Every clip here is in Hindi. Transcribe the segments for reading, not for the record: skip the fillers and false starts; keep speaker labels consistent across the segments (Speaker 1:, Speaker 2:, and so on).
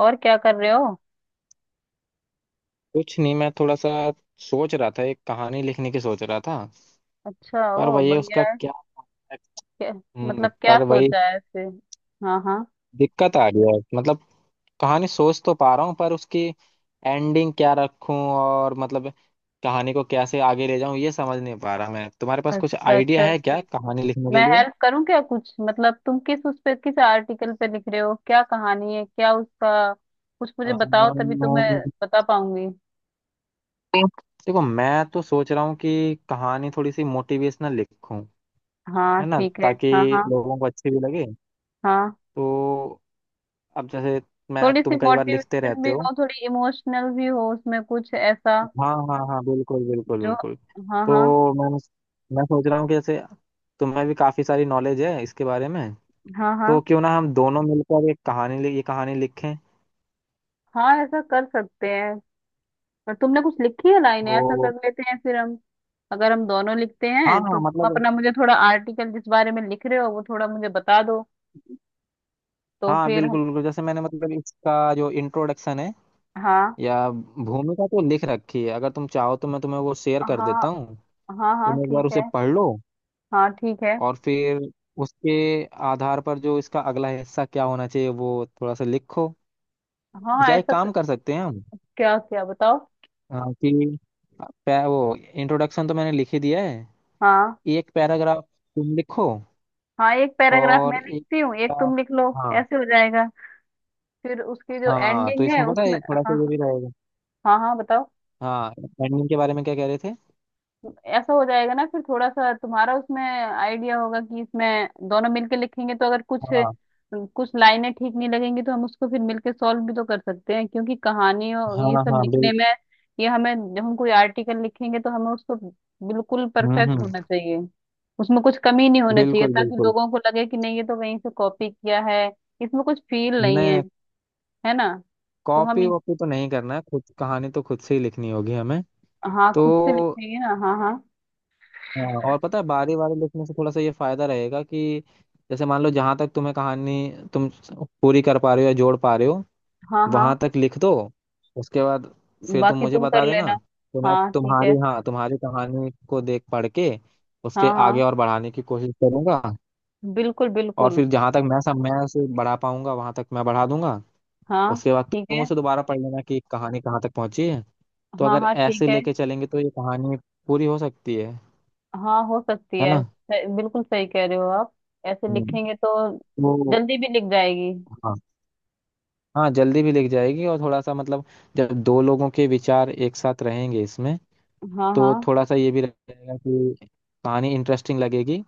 Speaker 1: और क्या कर रहे हो?
Speaker 2: कुछ नहीं, मैं थोड़ा सा सोच रहा था, एक कहानी लिखने की सोच रहा था।
Speaker 1: अच्छा।
Speaker 2: पर
Speaker 1: ओ,
Speaker 2: वही,
Speaker 1: बढ़िया
Speaker 2: उसका
Speaker 1: है।
Speaker 2: क्या।
Speaker 1: क्या?
Speaker 2: हम्म,
Speaker 1: मतलब क्या
Speaker 2: पर वही
Speaker 1: सोचा है ऐसे? हाँ, हाँ।
Speaker 2: दिक्कत आ गया है। मतलब कहानी सोच तो पा रहा हूँ, पर उसकी एंडिंग क्या रखूं, और मतलब कहानी को कैसे आगे ले जाऊं ये समझ नहीं पा रहा। मैं तुम्हारे पास कुछ
Speaker 1: अच्छा,
Speaker 2: आइडिया
Speaker 1: अच्छा,
Speaker 2: है
Speaker 1: अच्छा।
Speaker 2: क्या कहानी लिखने के
Speaker 1: मैं
Speaker 2: लिए?
Speaker 1: हेल्प करूं क्या? कुछ मतलब तुम किस उस पे किस आर्टिकल पे लिख रहे हो, क्या कहानी है, क्या उसका कुछ मुझे बताओ तभी तो मैं
Speaker 2: अम्म,
Speaker 1: बता पाऊंगी।
Speaker 2: देखो, मैं तो सोच रहा हूँ कि कहानी थोड़ी सी मोटिवेशनल लिखूं।
Speaker 1: हाँ,
Speaker 2: है ना,
Speaker 1: ठीक है।
Speaker 2: ताकि
Speaker 1: हाँ, हाँ।
Speaker 2: लोगों को अच्छी भी लगे।
Speaker 1: हाँ,
Speaker 2: तो अब जैसे मैं
Speaker 1: थोड़ी सी
Speaker 2: तुम कई बार लिखते
Speaker 1: मोटिवेशन
Speaker 2: रहते
Speaker 1: भी
Speaker 2: हो।
Speaker 1: हो, थोड़ी इमोशनल भी हो उसमें, कुछ ऐसा
Speaker 2: हाँ हाँ हाँ, बिल्कुल बिल्कुल
Speaker 1: जो।
Speaker 2: बिल्कुल।
Speaker 1: हाँ, हाँ।
Speaker 2: तो मैं सोच रहा हूँ कि जैसे तुम्हें भी काफी सारी नॉलेज है इसके बारे में,
Speaker 1: हाँ,
Speaker 2: तो
Speaker 1: हाँ,
Speaker 2: क्यों ना हम दोनों मिलकर एक ये कहानी लिखें।
Speaker 1: हाँ, ऐसा कर सकते हैं। पर तुमने कुछ लिखी है लाइन? ऐसा
Speaker 2: तो
Speaker 1: कर लेते हैं फिर हम। अगर हम दोनों लिखते
Speaker 2: हाँ
Speaker 1: हैं तो
Speaker 2: हाँ,
Speaker 1: तुम
Speaker 2: मतलब
Speaker 1: अपना मुझे थोड़ा आर्टिकल जिस बारे में लिख रहे हो वो थोड़ा मुझे बता दो। तो
Speaker 2: हाँ,
Speaker 1: फिर हम।
Speaker 2: बिल्कुल बिल्कुल। जैसे मैंने मतलब इसका जो इंट्रोडक्शन है
Speaker 1: हाँ,
Speaker 2: या भूमिका तो लिख रखी है, अगर तुम चाहो तो मैं तुम्हें वो शेयर कर
Speaker 1: हाँ,
Speaker 2: देता हूँ।
Speaker 1: हाँ। हाँ,
Speaker 2: तुम एक बार
Speaker 1: ठीक
Speaker 2: उसे
Speaker 1: है।
Speaker 2: पढ़ लो,
Speaker 1: हाँ, ठीक है।
Speaker 2: और फिर उसके आधार पर जो इसका अगला हिस्सा क्या होना चाहिए वो थोड़ा सा लिखो।
Speaker 1: हाँ, हाँ,
Speaker 2: या एक
Speaker 1: ऐसा
Speaker 2: काम कर सकते हैं हम,
Speaker 1: क्या क्या बताओ।
Speaker 2: अ, कि वो इंट्रोडक्शन तो मैंने लिख ही दिया है,
Speaker 1: हाँ,
Speaker 2: एक पैराग्राफ तुम लिखो
Speaker 1: हाँ, एक पैराग्राफ
Speaker 2: और
Speaker 1: मैं
Speaker 2: एक
Speaker 1: लिखती हूँ, एक
Speaker 2: पैराग्राफ।
Speaker 1: तुम लिख लो।
Speaker 2: हाँ
Speaker 1: ऐसे हो जाएगा। फिर उसकी जो
Speaker 2: हाँ, तो
Speaker 1: एंडिंग है
Speaker 2: इसमें पता
Speaker 1: उसमें।
Speaker 2: है थोड़ा सा
Speaker 1: हाँ।
Speaker 2: ये भी रहेगा।
Speaker 1: हाँ, हाँ, बताओ।
Speaker 2: हाँ, एंडिंग के बारे में क्या कह रहे थे?
Speaker 1: ऐसा हो जाएगा ना, फिर थोड़ा सा तुम्हारा उसमें आइडिया होगा कि इसमें दोनों मिलके लिखेंगे, तो अगर कुछ
Speaker 2: हाँ
Speaker 1: कुछ लाइनें ठीक नहीं लगेंगी तो हम उसको फिर मिलके सॉल्व भी तो कर सकते हैं, क्योंकि कहानी और ये
Speaker 2: हाँ
Speaker 1: सब
Speaker 2: हाँ, बिल।
Speaker 1: लिखने में, ये हमें जब हम कोई आर्टिकल लिखेंगे तो हमें उसको बिल्कुल
Speaker 2: हम्म
Speaker 1: परफेक्ट होना
Speaker 2: हम्म,
Speaker 1: चाहिए। उसमें कुछ कमी नहीं होना चाहिए,
Speaker 2: बिल्कुल
Speaker 1: ताकि
Speaker 2: बिल्कुल।
Speaker 1: लोगों को लगे कि नहीं ये तो कहीं से कॉपी किया है, इसमें कुछ फील नहीं
Speaker 2: नहीं
Speaker 1: है,
Speaker 2: नहीं,
Speaker 1: है ना। तो हम,
Speaker 2: कॉपी वॉपी तो नहीं करना है, खुद कहानी तो खुद से ही लिखनी होगी हमें।
Speaker 1: हाँ
Speaker 2: तो
Speaker 1: खुद से लिखेंगे ना, हाँ, हाँ,
Speaker 2: हाँ, और पता है बारी बारी लिखने से थोड़ा सा ये फायदा रहेगा कि जैसे मान लो जहां तक तुम्हें कहानी तुम पूरी कर पा रहे हो या जोड़ पा रहे हो,
Speaker 1: हाँ, हाँ,
Speaker 2: वहां तक लिख दो। उसके बाद फिर तुम
Speaker 1: बाकी
Speaker 2: मुझे
Speaker 1: तुम कर
Speaker 2: बता देना,
Speaker 1: लेना।
Speaker 2: तो मैं
Speaker 1: हाँ, ठीक है।
Speaker 2: तुम्हारी कहानी को देख पढ़ के उसके
Speaker 1: हाँ, हाँ,
Speaker 2: आगे और बढ़ाने की कोशिश करूंगा।
Speaker 1: बिल्कुल,
Speaker 2: और
Speaker 1: बिल्कुल।
Speaker 2: फिर जहां तक मैं उसे बढ़ा पाऊंगा वहां तक मैं बढ़ा दूंगा।
Speaker 1: हाँ,
Speaker 2: उसके बाद
Speaker 1: ठीक
Speaker 2: तुम
Speaker 1: है।
Speaker 2: उसे दोबारा पढ़ लेना कि कहानी कहाँ तक पहुंची है। तो
Speaker 1: हाँ,
Speaker 2: अगर
Speaker 1: हाँ,
Speaker 2: ऐसे
Speaker 1: ठीक है।
Speaker 2: लेके चलेंगे तो ये कहानी पूरी हो सकती है।
Speaker 1: हाँ, हो सकती
Speaker 2: है ना।
Speaker 1: है बिल्कुल सही कह रहे हो आप। ऐसे
Speaker 2: हम्म।
Speaker 1: लिखेंगे तो
Speaker 2: तो
Speaker 1: जल्दी भी लिख जाएगी।
Speaker 2: हाँ, हाँ जल्दी भी लिख जाएगी। और थोड़ा सा मतलब जब दो लोगों के विचार एक साथ रहेंगे इसमें,
Speaker 1: हाँ, हाँ,
Speaker 2: तो थोड़ा सा ये भी रहेगा कि कहानी इंटरेस्टिंग लगेगी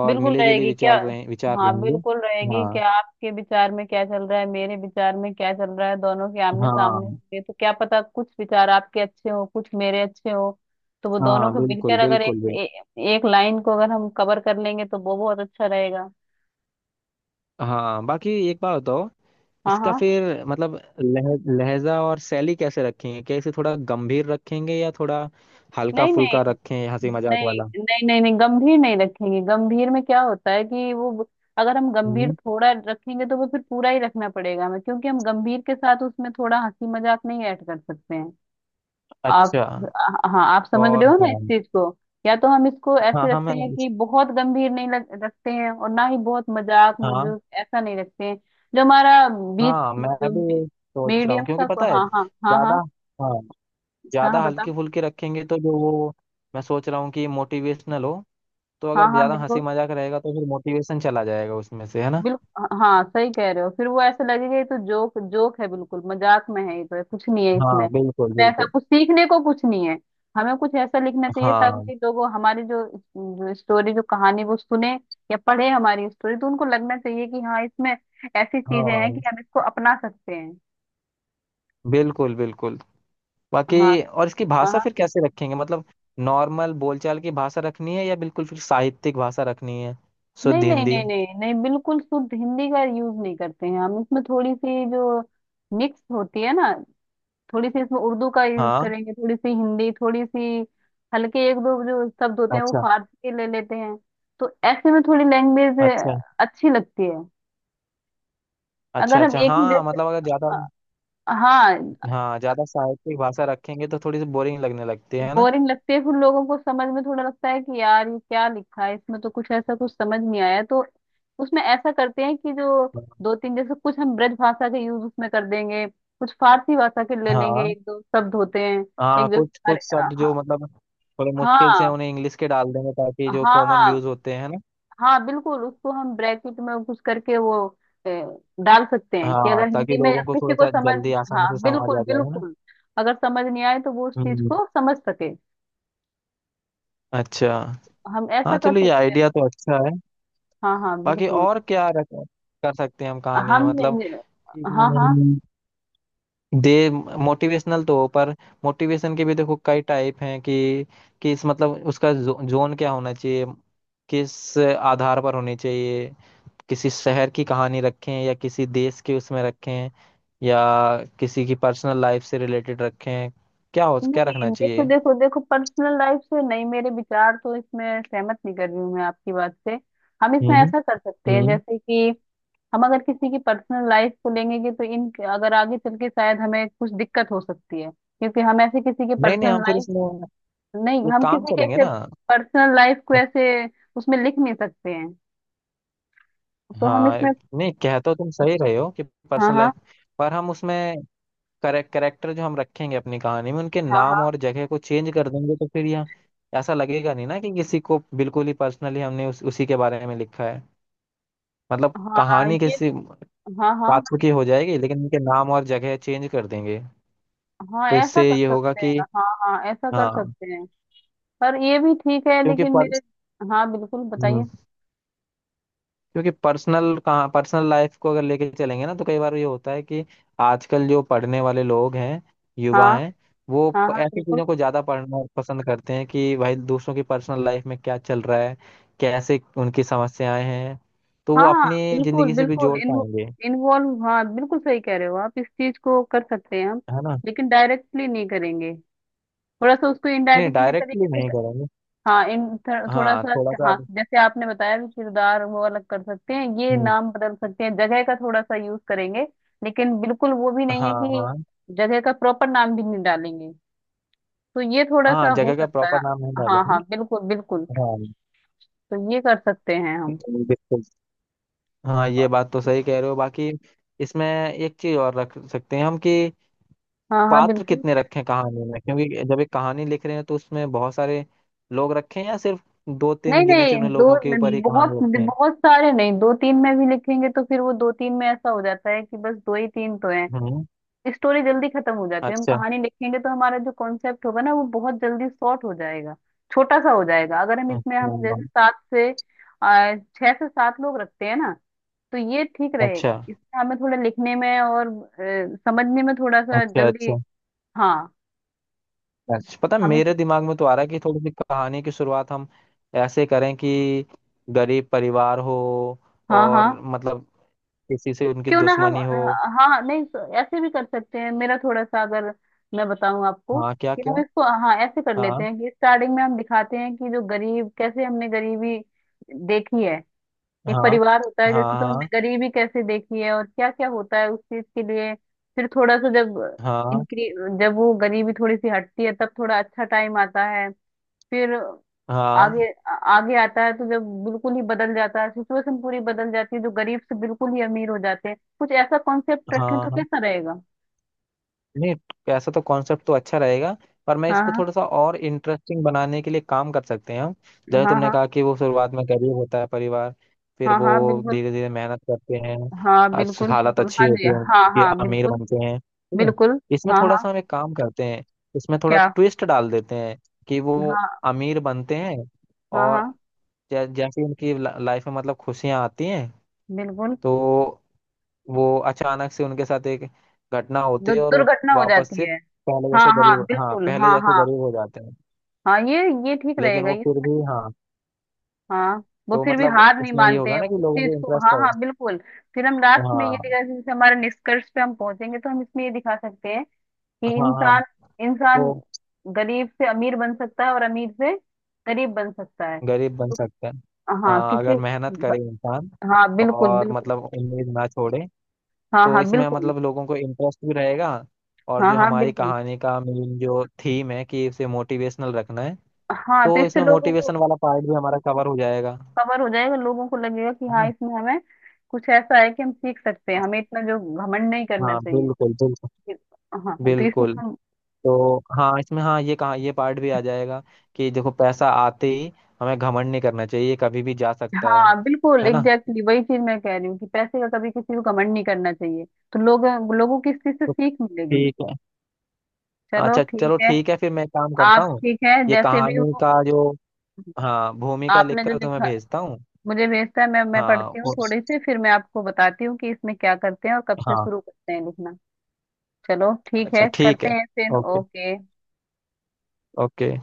Speaker 2: और
Speaker 1: बिल्कुल
Speaker 2: मिले जुले
Speaker 1: रहेगी क्या।
Speaker 2: विचार
Speaker 1: हाँ,
Speaker 2: रहेंगे।
Speaker 1: बिल्कुल रहेगी
Speaker 2: हाँ
Speaker 1: क्या आपके विचार में क्या चल रहा है, मेरे विचार में क्या चल रहा है, दोनों के आमने
Speaker 2: हाँ
Speaker 1: सामने होंगे तो क्या पता कुछ विचार आपके अच्छे हो कुछ मेरे अच्छे हो। तो वो दोनों
Speaker 2: हाँ,
Speaker 1: को
Speaker 2: बिल्कुल
Speaker 1: मिलकर अगर एक
Speaker 2: बिल्कुल बिल्कुल।
Speaker 1: एक लाइन को अगर हम कवर कर लेंगे तो वो बहुत अच्छा रहेगा।
Speaker 2: हाँ, बाकी एक बात बताओ,
Speaker 1: हाँ,
Speaker 2: इसका
Speaker 1: हाँ।
Speaker 2: फिर मतलब लह, लहजा और शैली कैसे रखेंगे? क्या इसे थोड़ा गंभीर रखेंगे या थोड़ा हल्का
Speaker 1: नहीं, नहीं,
Speaker 2: फुल्का रखें, हंसी मजाक
Speaker 1: नहीं,
Speaker 2: वाला?
Speaker 1: नहीं, नहीं, नहीं गंभीर नहीं रखेंगे। गंभीर में क्या होता है कि वो, अगर हम गंभीर
Speaker 2: हम्म,
Speaker 1: थोड़ा रखेंगे तो वो फिर पूरा ही रखना पड़ेगा हमें, क्योंकि हम गंभीर के साथ उसमें थोड़ा हंसी मजाक नहीं ऐड कर सकते हैं। आप,
Speaker 2: अच्छा।
Speaker 1: हाँ आप समझ
Speaker 2: और
Speaker 1: रहे हो ना इस
Speaker 2: हाँ
Speaker 1: चीज को? या तो हम इसको
Speaker 2: हाँ,
Speaker 1: ऐसे
Speaker 2: हाँ
Speaker 1: रखते
Speaker 2: मैं,
Speaker 1: हैं कि बहुत गंभीर नहीं रखते हैं और ना ही बहुत मजाक
Speaker 2: हाँ
Speaker 1: मजूक ऐसा नहीं रखते हैं। जो हमारा बीच
Speaker 2: हाँ, मैं
Speaker 1: जो
Speaker 2: भी यही सोच रहा हूँ
Speaker 1: मीडियम
Speaker 2: क्योंकि
Speaker 1: सा।
Speaker 2: पता है
Speaker 1: हाँ, हाँ, हाँ,
Speaker 2: ज्यादा,
Speaker 1: हाँ।
Speaker 2: हाँ
Speaker 1: हाँ, हाँ,
Speaker 2: ज्यादा
Speaker 1: बताओ।
Speaker 2: हल्की फुल्की रखेंगे तो जो वो, मैं सोच रहा हूँ कि मोटिवेशनल हो, तो
Speaker 1: हाँ,
Speaker 2: अगर
Speaker 1: हाँ,
Speaker 2: ज्यादा हंसी
Speaker 1: बिल्कुल,
Speaker 2: मजाक रहेगा तो फिर मोटिवेशन चला जाएगा उसमें से। है ना।
Speaker 1: बिल्कुल, हाँ सही कह रहे हो। फिर वो ऐसे लगेगा ये तो जोक जोक है, बिल्कुल मजाक में है, ये तो कुछ नहीं है इसमें,
Speaker 2: हाँ बिल्कुल
Speaker 1: इसमें ऐसा
Speaker 2: बिल्कुल,
Speaker 1: कुछ सीखने को कुछ नहीं है। हमें कुछ ऐसा लिखना चाहिए
Speaker 2: हाँ
Speaker 1: ताकि लोग हमारी जो, जो स्टोरी जो कहानी वो सुने या पढ़े हमारी स्टोरी, तो उनको लगना चाहिए कि हाँ इसमें ऐसी चीजें हैं
Speaker 2: हाँ
Speaker 1: कि हम इसको अपना सकते हैं।
Speaker 2: बिल्कुल बिल्कुल।
Speaker 1: हाँ।
Speaker 2: बाकी और इसकी
Speaker 1: हाँ,
Speaker 2: भाषा
Speaker 1: हाँ।
Speaker 2: फिर कैसे रखेंगे, मतलब नॉर्मल बोलचाल की भाषा रखनी है या बिल्कुल फिर साहित्यिक भाषा रखनी है, शुद्ध
Speaker 1: नहीं, नहीं,
Speaker 2: हिंदी?
Speaker 1: नहीं, नहीं, नहीं, बिल्कुल शुद्ध हिंदी का यूज नहीं करते हैं हम। इसमें थोड़ी सी जो मिक्स होती है ना, थोड़ी सी इसमें उर्दू का यूज
Speaker 2: हाँ
Speaker 1: करेंगे, थोड़ी सी हिंदी, थोड़ी सी हल्के एक दो जो शब्द होते हैं वो
Speaker 2: अच्छा,
Speaker 1: फारसी के ले लेते हैं। तो ऐसे में थोड़ी लैंग्वेज
Speaker 2: अच्छा
Speaker 1: अच्छी लगती है।
Speaker 2: अच्छा।
Speaker 1: अगर हम
Speaker 2: अच्छा
Speaker 1: एक ही
Speaker 2: हाँ,
Speaker 1: जैसे
Speaker 2: मतलब अगर ज्यादा,
Speaker 1: अ, हाँ।
Speaker 2: हाँ ज्यादा साहित्यिक भाषा रखेंगे तो थोड़ी सी बोरिंग लगने लगती है ना।
Speaker 1: बोरिंग लगती है, फिर लोगों को समझ में थोड़ा लगता है कि यार ये क्या लिखा है इसमें, तो कुछ ऐसा कुछ समझ नहीं आया। तो उसमें ऐसा करते हैं कि जो
Speaker 2: हाँ
Speaker 1: दो तीन जैसे कुछ हम ब्रज भाषा के यूज उसमें कर देंगे, कुछ फारसी भाषा के ले लेंगे,
Speaker 2: हाँ,
Speaker 1: एक दो शब्द होते हैं। एक
Speaker 2: हाँ
Speaker 1: दो,
Speaker 2: कुछ
Speaker 1: अरे
Speaker 2: कुछ
Speaker 1: हाँ,
Speaker 2: शब्द जो
Speaker 1: हाँ,
Speaker 2: मतलब थोड़े मुश्किल से, उन्हें इंग्लिश के डाल देंगे ताकि जो
Speaker 1: हाँ,
Speaker 2: कॉमन
Speaker 1: हाँ,
Speaker 2: यूज होते हैं ना।
Speaker 1: हाँ, बिल्कुल उसको हम ब्रैकेट में घुस करके वो अ, डाल सकते हैं कि
Speaker 2: हाँ,
Speaker 1: अगर
Speaker 2: ताकि
Speaker 1: हिंदी में
Speaker 2: लोगों को
Speaker 1: किसी
Speaker 2: थोड़ा
Speaker 1: को
Speaker 2: सा
Speaker 1: समझ,
Speaker 2: जल्दी आसानी से
Speaker 1: हाँ
Speaker 2: समझ आ
Speaker 1: बिल्कुल,
Speaker 2: जाए। है ना।
Speaker 1: बिल्कुल, अगर समझ नहीं आए तो वो उस चीज
Speaker 2: हम्म,
Speaker 1: को समझ सके।
Speaker 2: अच्छा।
Speaker 1: हम
Speaker 2: हाँ
Speaker 1: ऐसा कर
Speaker 2: चलो, ये
Speaker 1: सकते हैं।
Speaker 2: आइडिया तो अच्छा है।
Speaker 1: हाँ, हाँ,
Speaker 2: बाकी
Speaker 1: बिल्कुल।
Speaker 2: और कर सकते हैं हम कहानी में?
Speaker 1: हम,
Speaker 2: मतलब
Speaker 1: हाँ, हाँ,
Speaker 2: दे, मोटिवेशनल तो हो, पर मोटिवेशन के भी देखो कई टाइप हैं कि किस मतलब उसका जोन क्या होना चाहिए, किस आधार पर होनी चाहिए। किसी शहर की कहानी रखें या किसी देश के उसमें रखें, या किसी की पर्सनल लाइफ से रिलेटेड रखें? क्या हो, क्या रखना
Speaker 1: नहीं देखो,
Speaker 2: चाहिए?
Speaker 1: देखो, देखो, पर्सनल लाइफ से नहीं, मेरे विचार तो इसमें सहमत नहीं कर रही हूँ मैं आपकी बात से। हम इसमें
Speaker 2: हम्म
Speaker 1: ऐसा कर सकते हैं
Speaker 2: हम्म।
Speaker 1: जैसे कि हम अगर किसी की पर्सनल लाइफ को लेंगे कि तो इन अगर आगे चल के शायद हमें कुछ दिक्कत हो सकती है क्योंकि हम ऐसे किसी के
Speaker 2: नहीं नहीं,
Speaker 1: पर्सनल
Speaker 2: हम फिर इसमें
Speaker 1: लाइफ, नहीं
Speaker 2: एक
Speaker 1: हम
Speaker 2: काम
Speaker 1: किसी के
Speaker 2: करेंगे
Speaker 1: ऐसे
Speaker 2: ना।
Speaker 1: पर्सनल लाइफ को ऐसे उसमें लिख नहीं सकते हैं। तो हम
Speaker 2: हाँ
Speaker 1: इसमें,
Speaker 2: नहीं, कहते हो तुम सही रहे हो कि
Speaker 1: हाँ,
Speaker 2: पर्सनल
Speaker 1: हाँ,
Speaker 2: लाइफ, पर हम उसमें करेक्टर जो हम रखेंगे अपनी कहानी में, उनके नाम
Speaker 1: हाँ,
Speaker 2: और जगह को चेंज कर देंगे, तो फिर यहाँ ऐसा लगेगा नहीं ना कि किसी को बिल्कुल ही पर्सनली हमने उसी के बारे में लिखा है। मतलब
Speaker 1: हाँ, हाँ
Speaker 2: कहानी
Speaker 1: ये,
Speaker 2: किसी
Speaker 1: हाँ, हाँ,
Speaker 2: पात्र की हो जाएगी लेकिन उनके नाम और जगह चेंज कर देंगे।
Speaker 1: हाँ,
Speaker 2: तो
Speaker 1: ऐसा
Speaker 2: इससे
Speaker 1: कर
Speaker 2: ये होगा
Speaker 1: सकते
Speaker 2: कि
Speaker 1: हैं, हाँ, हाँ, ऐसा कर
Speaker 2: हाँ,
Speaker 1: सकते हैं। पर ये भी ठीक है
Speaker 2: क्योंकि
Speaker 1: लेकिन
Speaker 2: पर,
Speaker 1: मेरे, हाँ बिल्कुल बताइए।
Speaker 2: हम्म, क्योंकि पर्सनल लाइफ को अगर लेके चलेंगे ना तो कई बार ये होता है कि आजकल जो पढ़ने वाले लोग हैं,
Speaker 1: हाँ,
Speaker 2: युवा हैं, वो
Speaker 1: हाँ, हाँ,
Speaker 2: ऐसी
Speaker 1: बिल्कुल।
Speaker 2: चीजों को ज्यादा पढ़ना पसंद करते हैं कि भाई दूसरों की पर्सनल लाइफ में क्या चल रहा है, कैसे उनकी समस्याएं हैं, तो वो
Speaker 1: हाँ,
Speaker 2: अपनी
Speaker 1: बिल्कुल,
Speaker 2: जिंदगी से भी
Speaker 1: बिल्कुल
Speaker 2: जोड़ पाएंगे।
Speaker 1: इन्वॉल्व, हाँ बिल्कुल सही कह रहे हो आप। इस चीज को कर सकते हैं हम,
Speaker 2: है ना।
Speaker 1: लेकिन डायरेक्टली नहीं करेंगे, थोड़ा सा उसको
Speaker 2: नहीं
Speaker 1: इनडायरेक्टली तरीके
Speaker 2: डायरेक्टली नहीं
Speaker 1: से।
Speaker 2: करेंगे,
Speaker 1: हाँ थोड़ा
Speaker 2: हाँ
Speaker 1: सा।
Speaker 2: थोड़ा सा
Speaker 1: हाँ,
Speaker 2: आप-।
Speaker 1: जैसे आपने बताया कि किरदार वो अलग कर सकते हैं, ये
Speaker 2: हम्म,
Speaker 1: नाम बदल सकते हैं, जगह का थोड़ा सा यूज करेंगे, लेकिन बिल्कुल वो भी नहीं है
Speaker 2: हाँ
Speaker 1: कि
Speaker 2: हाँ
Speaker 1: जगह का प्रॉपर नाम भी नहीं डालेंगे, तो ये थोड़ा सा
Speaker 2: हाँ,
Speaker 1: हो
Speaker 2: जगह का
Speaker 1: सकता है।
Speaker 2: प्रॉपर नाम नहीं
Speaker 1: हाँ,
Speaker 2: डालेंगे।
Speaker 1: हाँ, बिल्कुल, बिल्कुल,
Speaker 2: हाँ
Speaker 1: तो ये कर सकते हैं हम।
Speaker 2: बिल्कुल। हाँ ये बात तो सही कह रहे हो, बाकी इसमें एक चीज और रख सकते हैं हम कि
Speaker 1: हाँ, हाँ,
Speaker 2: पात्र
Speaker 1: बिल्कुल।
Speaker 2: कितने रखें कहानी में, क्योंकि जब एक कहानी लिख रहे हैं तो उसमें बहुत सारे लोग रखें या सिर्फ दो तीन
Speaker 1: नहीं,
Speaker 2: गिने
Speaker 1: नहीं,
Speaker 2: चुने
Speaker 1: दो
Speaker 2: लोगों के ऊपर ही
Speaker 1: बहुत
Speaker 2: कहानी रखें।
Speaker 1: बहुत सारे नहीं, दो तीन में भी लिखेंगे तो फिर वो दो तीन में ऐसा हो जाता है कि बस दो ही तीन तो हैं,
Speaker 2: हम्म,
Speaker 1: स्टोरी जल्दी खत्म हो जाती है। हम
Speaker 2: अच्छा
Speaker 1: कहानी लिखेंगे तो हमारा जो कॉन्सेप्ट होगा ना वो बहुत जल्दी शॉर्ट हो जाएगा, छोटा सा हो जाएगा। अगर हम इसमें हम
Speaker 2: अच्छा,
Speaker 1: जैसे छह से सात लोग रखते हैं ना, तो ये ठीक
Speaker 2: अच्छा
Speaker 1: रहेगा,
Speaker 2: अच्छा,
Speaker 1: इसमें हमें थोड़ा लिखने में और समझने में थोड़ा सा
Speaker 2: अच्छा
Speaker 1: जल्दी। हाँ,
Speaker 2: अच्छा। पता है,
Speaker 1: हम इस,
Speaker 2: मेरे दिमाग में तो आ रहा है कि थोड़ी सी कहानी की शुरुआत हम ऐसे करें कि गरीब परिवार हो,
Speaker 1: हाँ,
Speaker 2: और
Speaker 1: हाँ,
Speaker 2: मतलब किसी से उनकी
Speaker 1: क्यों ना हम,
Speaker 2: दुश्मनी हो।
Speaker 1: हाँ, हाँ, नहीं तो ऐसे भी कर सकते हैं। मेरा थोड़ा सा अगर मैं बताऊं आपको
Speaker 2: हाँ क्या
Speaker 1: कि
Speaker 2: क्या,
Speaker 1: हम इसको, हाँ ऐसे कर लेते
Speaker 2: हाँ
Speaker 1: हैं कि स्टार्टिंग में हम दिखाते हैं कि जो गरीब कैसे हमने गरीबी देखी है, एक
Speaker 2: हाँ
Speaker 1: परिवार होता है
Speaker 2: हाँ
Speaker 1: जैसे, तो
Speaker 2: हाँ,
Speaker 1: हमने गरीबी कैसे देखी है और क्या क्या होता है उस चीज के लिए। फिर थोड़ा सा जब
Speaker 2: हाँ
Speaker 1: इंक्री जब वो गरीबी थोड़ी सी हटती है तब थोड़ा अच्छा टाइम आता है। फिर
Speaker 2: हाँ
Speaker 1: आगे आता है, तो जब बिल्कुल ही बदल जाता है, सिचुएशन पूरी बदल जाती है, जो गरीब से बिल्कुल ही अमीर हो जाते हैं, कुछ ऐसा कॉन्सेप्ट रखें
Speaker 2: हाँ
Speaker 1: तो
Speaker 2: हाँ।
Speaker 1: कैसा रहेगा?
Speaker 2: नहीं, ऐसा तो कॉन्सेप्ट तो अच्छा रहेगा, पर मैं
Speaker 1: हाँ,
Speaker 2: इसको
Speaker 1: हाँ,
Speaker 2: थोड़ा सा और इंटरेस्टिंग बनाने के लिए काम कर सकते हैं हम। जैसे
Speaker 1: हाँ,
Speaker 2: तुमने
Speaker 1: हाँ,
Speaker 2: कहा कि वो शुरुआत में गरीब होता है परिवार, फिर
Speaker 1: हाँ,
Speaker 2: वो
Speaker 1: हाँ, बिल्कुल,
Speaker 2: धीरे धीरे मेहनत करते हैं,
Speaker 1: हाँ बिल्कुल,
Speaker 2: हालत
Speaker 1: बिल्कुल, हाँ
Speaker 2: अच्छी
Speaker 1: जी,
Speaker 2: होती है
Speaker 1: हाँ,
Speaker 2: उनकी,
Speaker 1: हाँ,
Speaker 2: अमीर
Speaker 1: बिल्कुल,
Speaker 2: बनते हैं, ठीक है।
Speaker 1: बिल्कुल।
Speaker 2: इसमें
Speaker 1: हाँ,
Speaker 2: थोड़ा
Speaker 1: हाँ,
Speaker 2: सा हम एक काम करते हैं, इसमें थोड़ा
Speaker 1: क्या?
Speaker 2: ट्विस्ट डाल देते हैं कि वो
Speaker 1: हाँ,
Speaker 2: अमीर बनते हैं
Speaker 1: हाँ,
Speaker 2: और
Speaker 1: हाँ,
Speaker 2: जैसे उनकी लाइफ में मतलब खुशियां आती हैं,
Speaker 1: बिल्कुल
Speaker 2: तो वो अचानक से उनके साथ एक घटना होती है, और वो
Speaker 1: दुर्घटना हो
Speaker 2: वापस
Speaker 1: जाती
Speaker 2: से
Speaker 1: है। हाँ, हाँ, बिल्कुल,
Speaker 2: पहले
Speaker 1: हाँ,
Speaker 2: जैसे
Speaker 1: हाँ,
Speaker 2: गरीब हो जाते हैं।
Speaker 1: हाँ ये ठीक
Speaker 2: लेकिन
Speaker 1: रहेगा
Speaker 2: वो
Speaker 1: ये।
Speaker 2: फिर भी, हाँ।
Speaker 1: हाँ वो
Speaker 2: तो
Speaker 1: फिर भी
Speaker 2: मतलब
Speaker 1: हार नहीं
Speaker 2: उसमें ये
Speaker 1: मानते
Speaker 2: होगा
Speaker 1: हैं
Speaker 2: ना
Speaker 1: वो
Speaker 2: कि
Speaker 1: उस
Speaker 2: लोगों
Speaker 1: चीज
Speaker 2: को
Speaker 1: को, हाँ,
Speaker 2: इंटरेस्ट है।
Speaker 1: हाँ, बिल्कुल। फिर हम लास्ट में ये
Speaker 2: हाँ
Speaker 1: दिखा, जैसे हमारे निष्कर्ष पे हम पहुंचेंगे, तो हम इसमें ये दिखा सकते हैं कि
Speaker 2: हाँ हाँ,
Speaker 1: इंसान, इंसान
Speaker 2: तो
Speaker 1: गरीब से अमीर बन सकता है और अमीर से गरीब बन सकता है।
Speaker 2: गरीब बन सकते हैं।
Speaker 1: हाँ
Speaker 2: हाँ अगर
Speaker 1: किसी,
Speaker 2: मेहनत करे इंसान,
Speaker 1: हाँ बिल्कुल,
Speaker 2: और
Speaker 1: बिल्कुल,
Speaker 2: मतलब उम्मीद ना छोड़े।
Speaker 1: हाँ,
Speaker 2: तो
Speaker 1: हाँ,
Speaker 2: इसमें
Speaker 1: बिल्कुल,
Speaker 2: मतलब लोगों को इंटरेस्ट भी रहेगा, और
Speaker 1: हाँ,
Speaker 2: जो
Speaker 1: हाँ,
Speaker 2: हमारी
Speaker 1: बिल्कुल।
Speaker 2: कहानी का मेन जो थीम है कि इसे मोटिवेशनल रखना है,
Speaker 1: हाँ तो
Speaker 2: तो
Speaker 1: इससे
Speaker 2: इसमें
Speaker 1: लोगों को
Speaker 2: मोटिवेशन वाला पार्ट भी हमारा कवर हो जाएगा।
Speaker 1: कवर हो जाएगा, लोगों को लगेगा कि
Speaker 2: है
Speaker 1: हाँ
Speaker 2: ना।
Speaker 1: इसमें हमें कुछ ऐसा है कि हम सीख सकते हैं, हमें इतना जो घमंड नहीं करना
Speaker 2: हाँ
Speaker 1: चाहिए।
Speaker 2: बिल्कुल बिल्कुल
Speaker 1: हाँ तो इसमें
Speaker 2: बिल्कुल।
Speaker 1: हम,
Speaker 2: तो हाँ इसमें, हाँ ये कहा, ये पार्ट भी आ जाएगा कि देखो पैसा आते ही हमें घमंड नहीं करना चाहिए, ये कभी भी जा सकता है।
Speaker 1: हाँ बिल्कुल
Speaker 2: है ना।
Speaker 1: एग्जैक्टली वही चीज मैं कह रही हूँ कि पैसे का कभी किसी को कमेंट नहीं करना चाहिए। तो लोग लोगों की इस चीज से
Speaker 2: तो
Speaker 1: सीख मिलेगी।
Speaker 2: ठीक है।
Speaker 1: चलो
Speaker 2: अच्छा
Speaker 1: ठीक
Speaker 2: चलो
Speaker 1: है।
Speaker 2: ठीक है, फिर मैं काम करता
Speaker 1: आप
Speaker 2: हूँ।
Speaker 1: ठीक है
Speaker 2: ये
Speaker 1: जैसे भी
Speaker 2: कहानी
Speaker 1: हो।
Speaker 2: का जो, हाँ भूमिका
Speaker 1: आपने जो
Speaker 2: लिखकर तुम्हें
Speaker 1: लिखा
Speaker 2: भेजता हूँ।
Speaker 1: मुझे भेजता है, मैं
Speaker 2: हाँ
Speaker 1: पढ़ती हूँ
Speaker 2: और,
Speaker 1: थोड़ी सी, फिर मैं आपको बताती हूँ कि इसमें क्या करते हैं और कब से
Speaker 2: हाँ
Speaker 1: शुरू करते हैं लिखना। चलो ठीक
Speaker 2: अच्छा
Speaker 1: है,
Speaker 2: ठीक
Speaker 1: करते
Speaker 2: है।
Speaker 1: हैं फिर,
Speaker 2: ओके।
Speaker 1: ओके।
Speaker 2: ओके।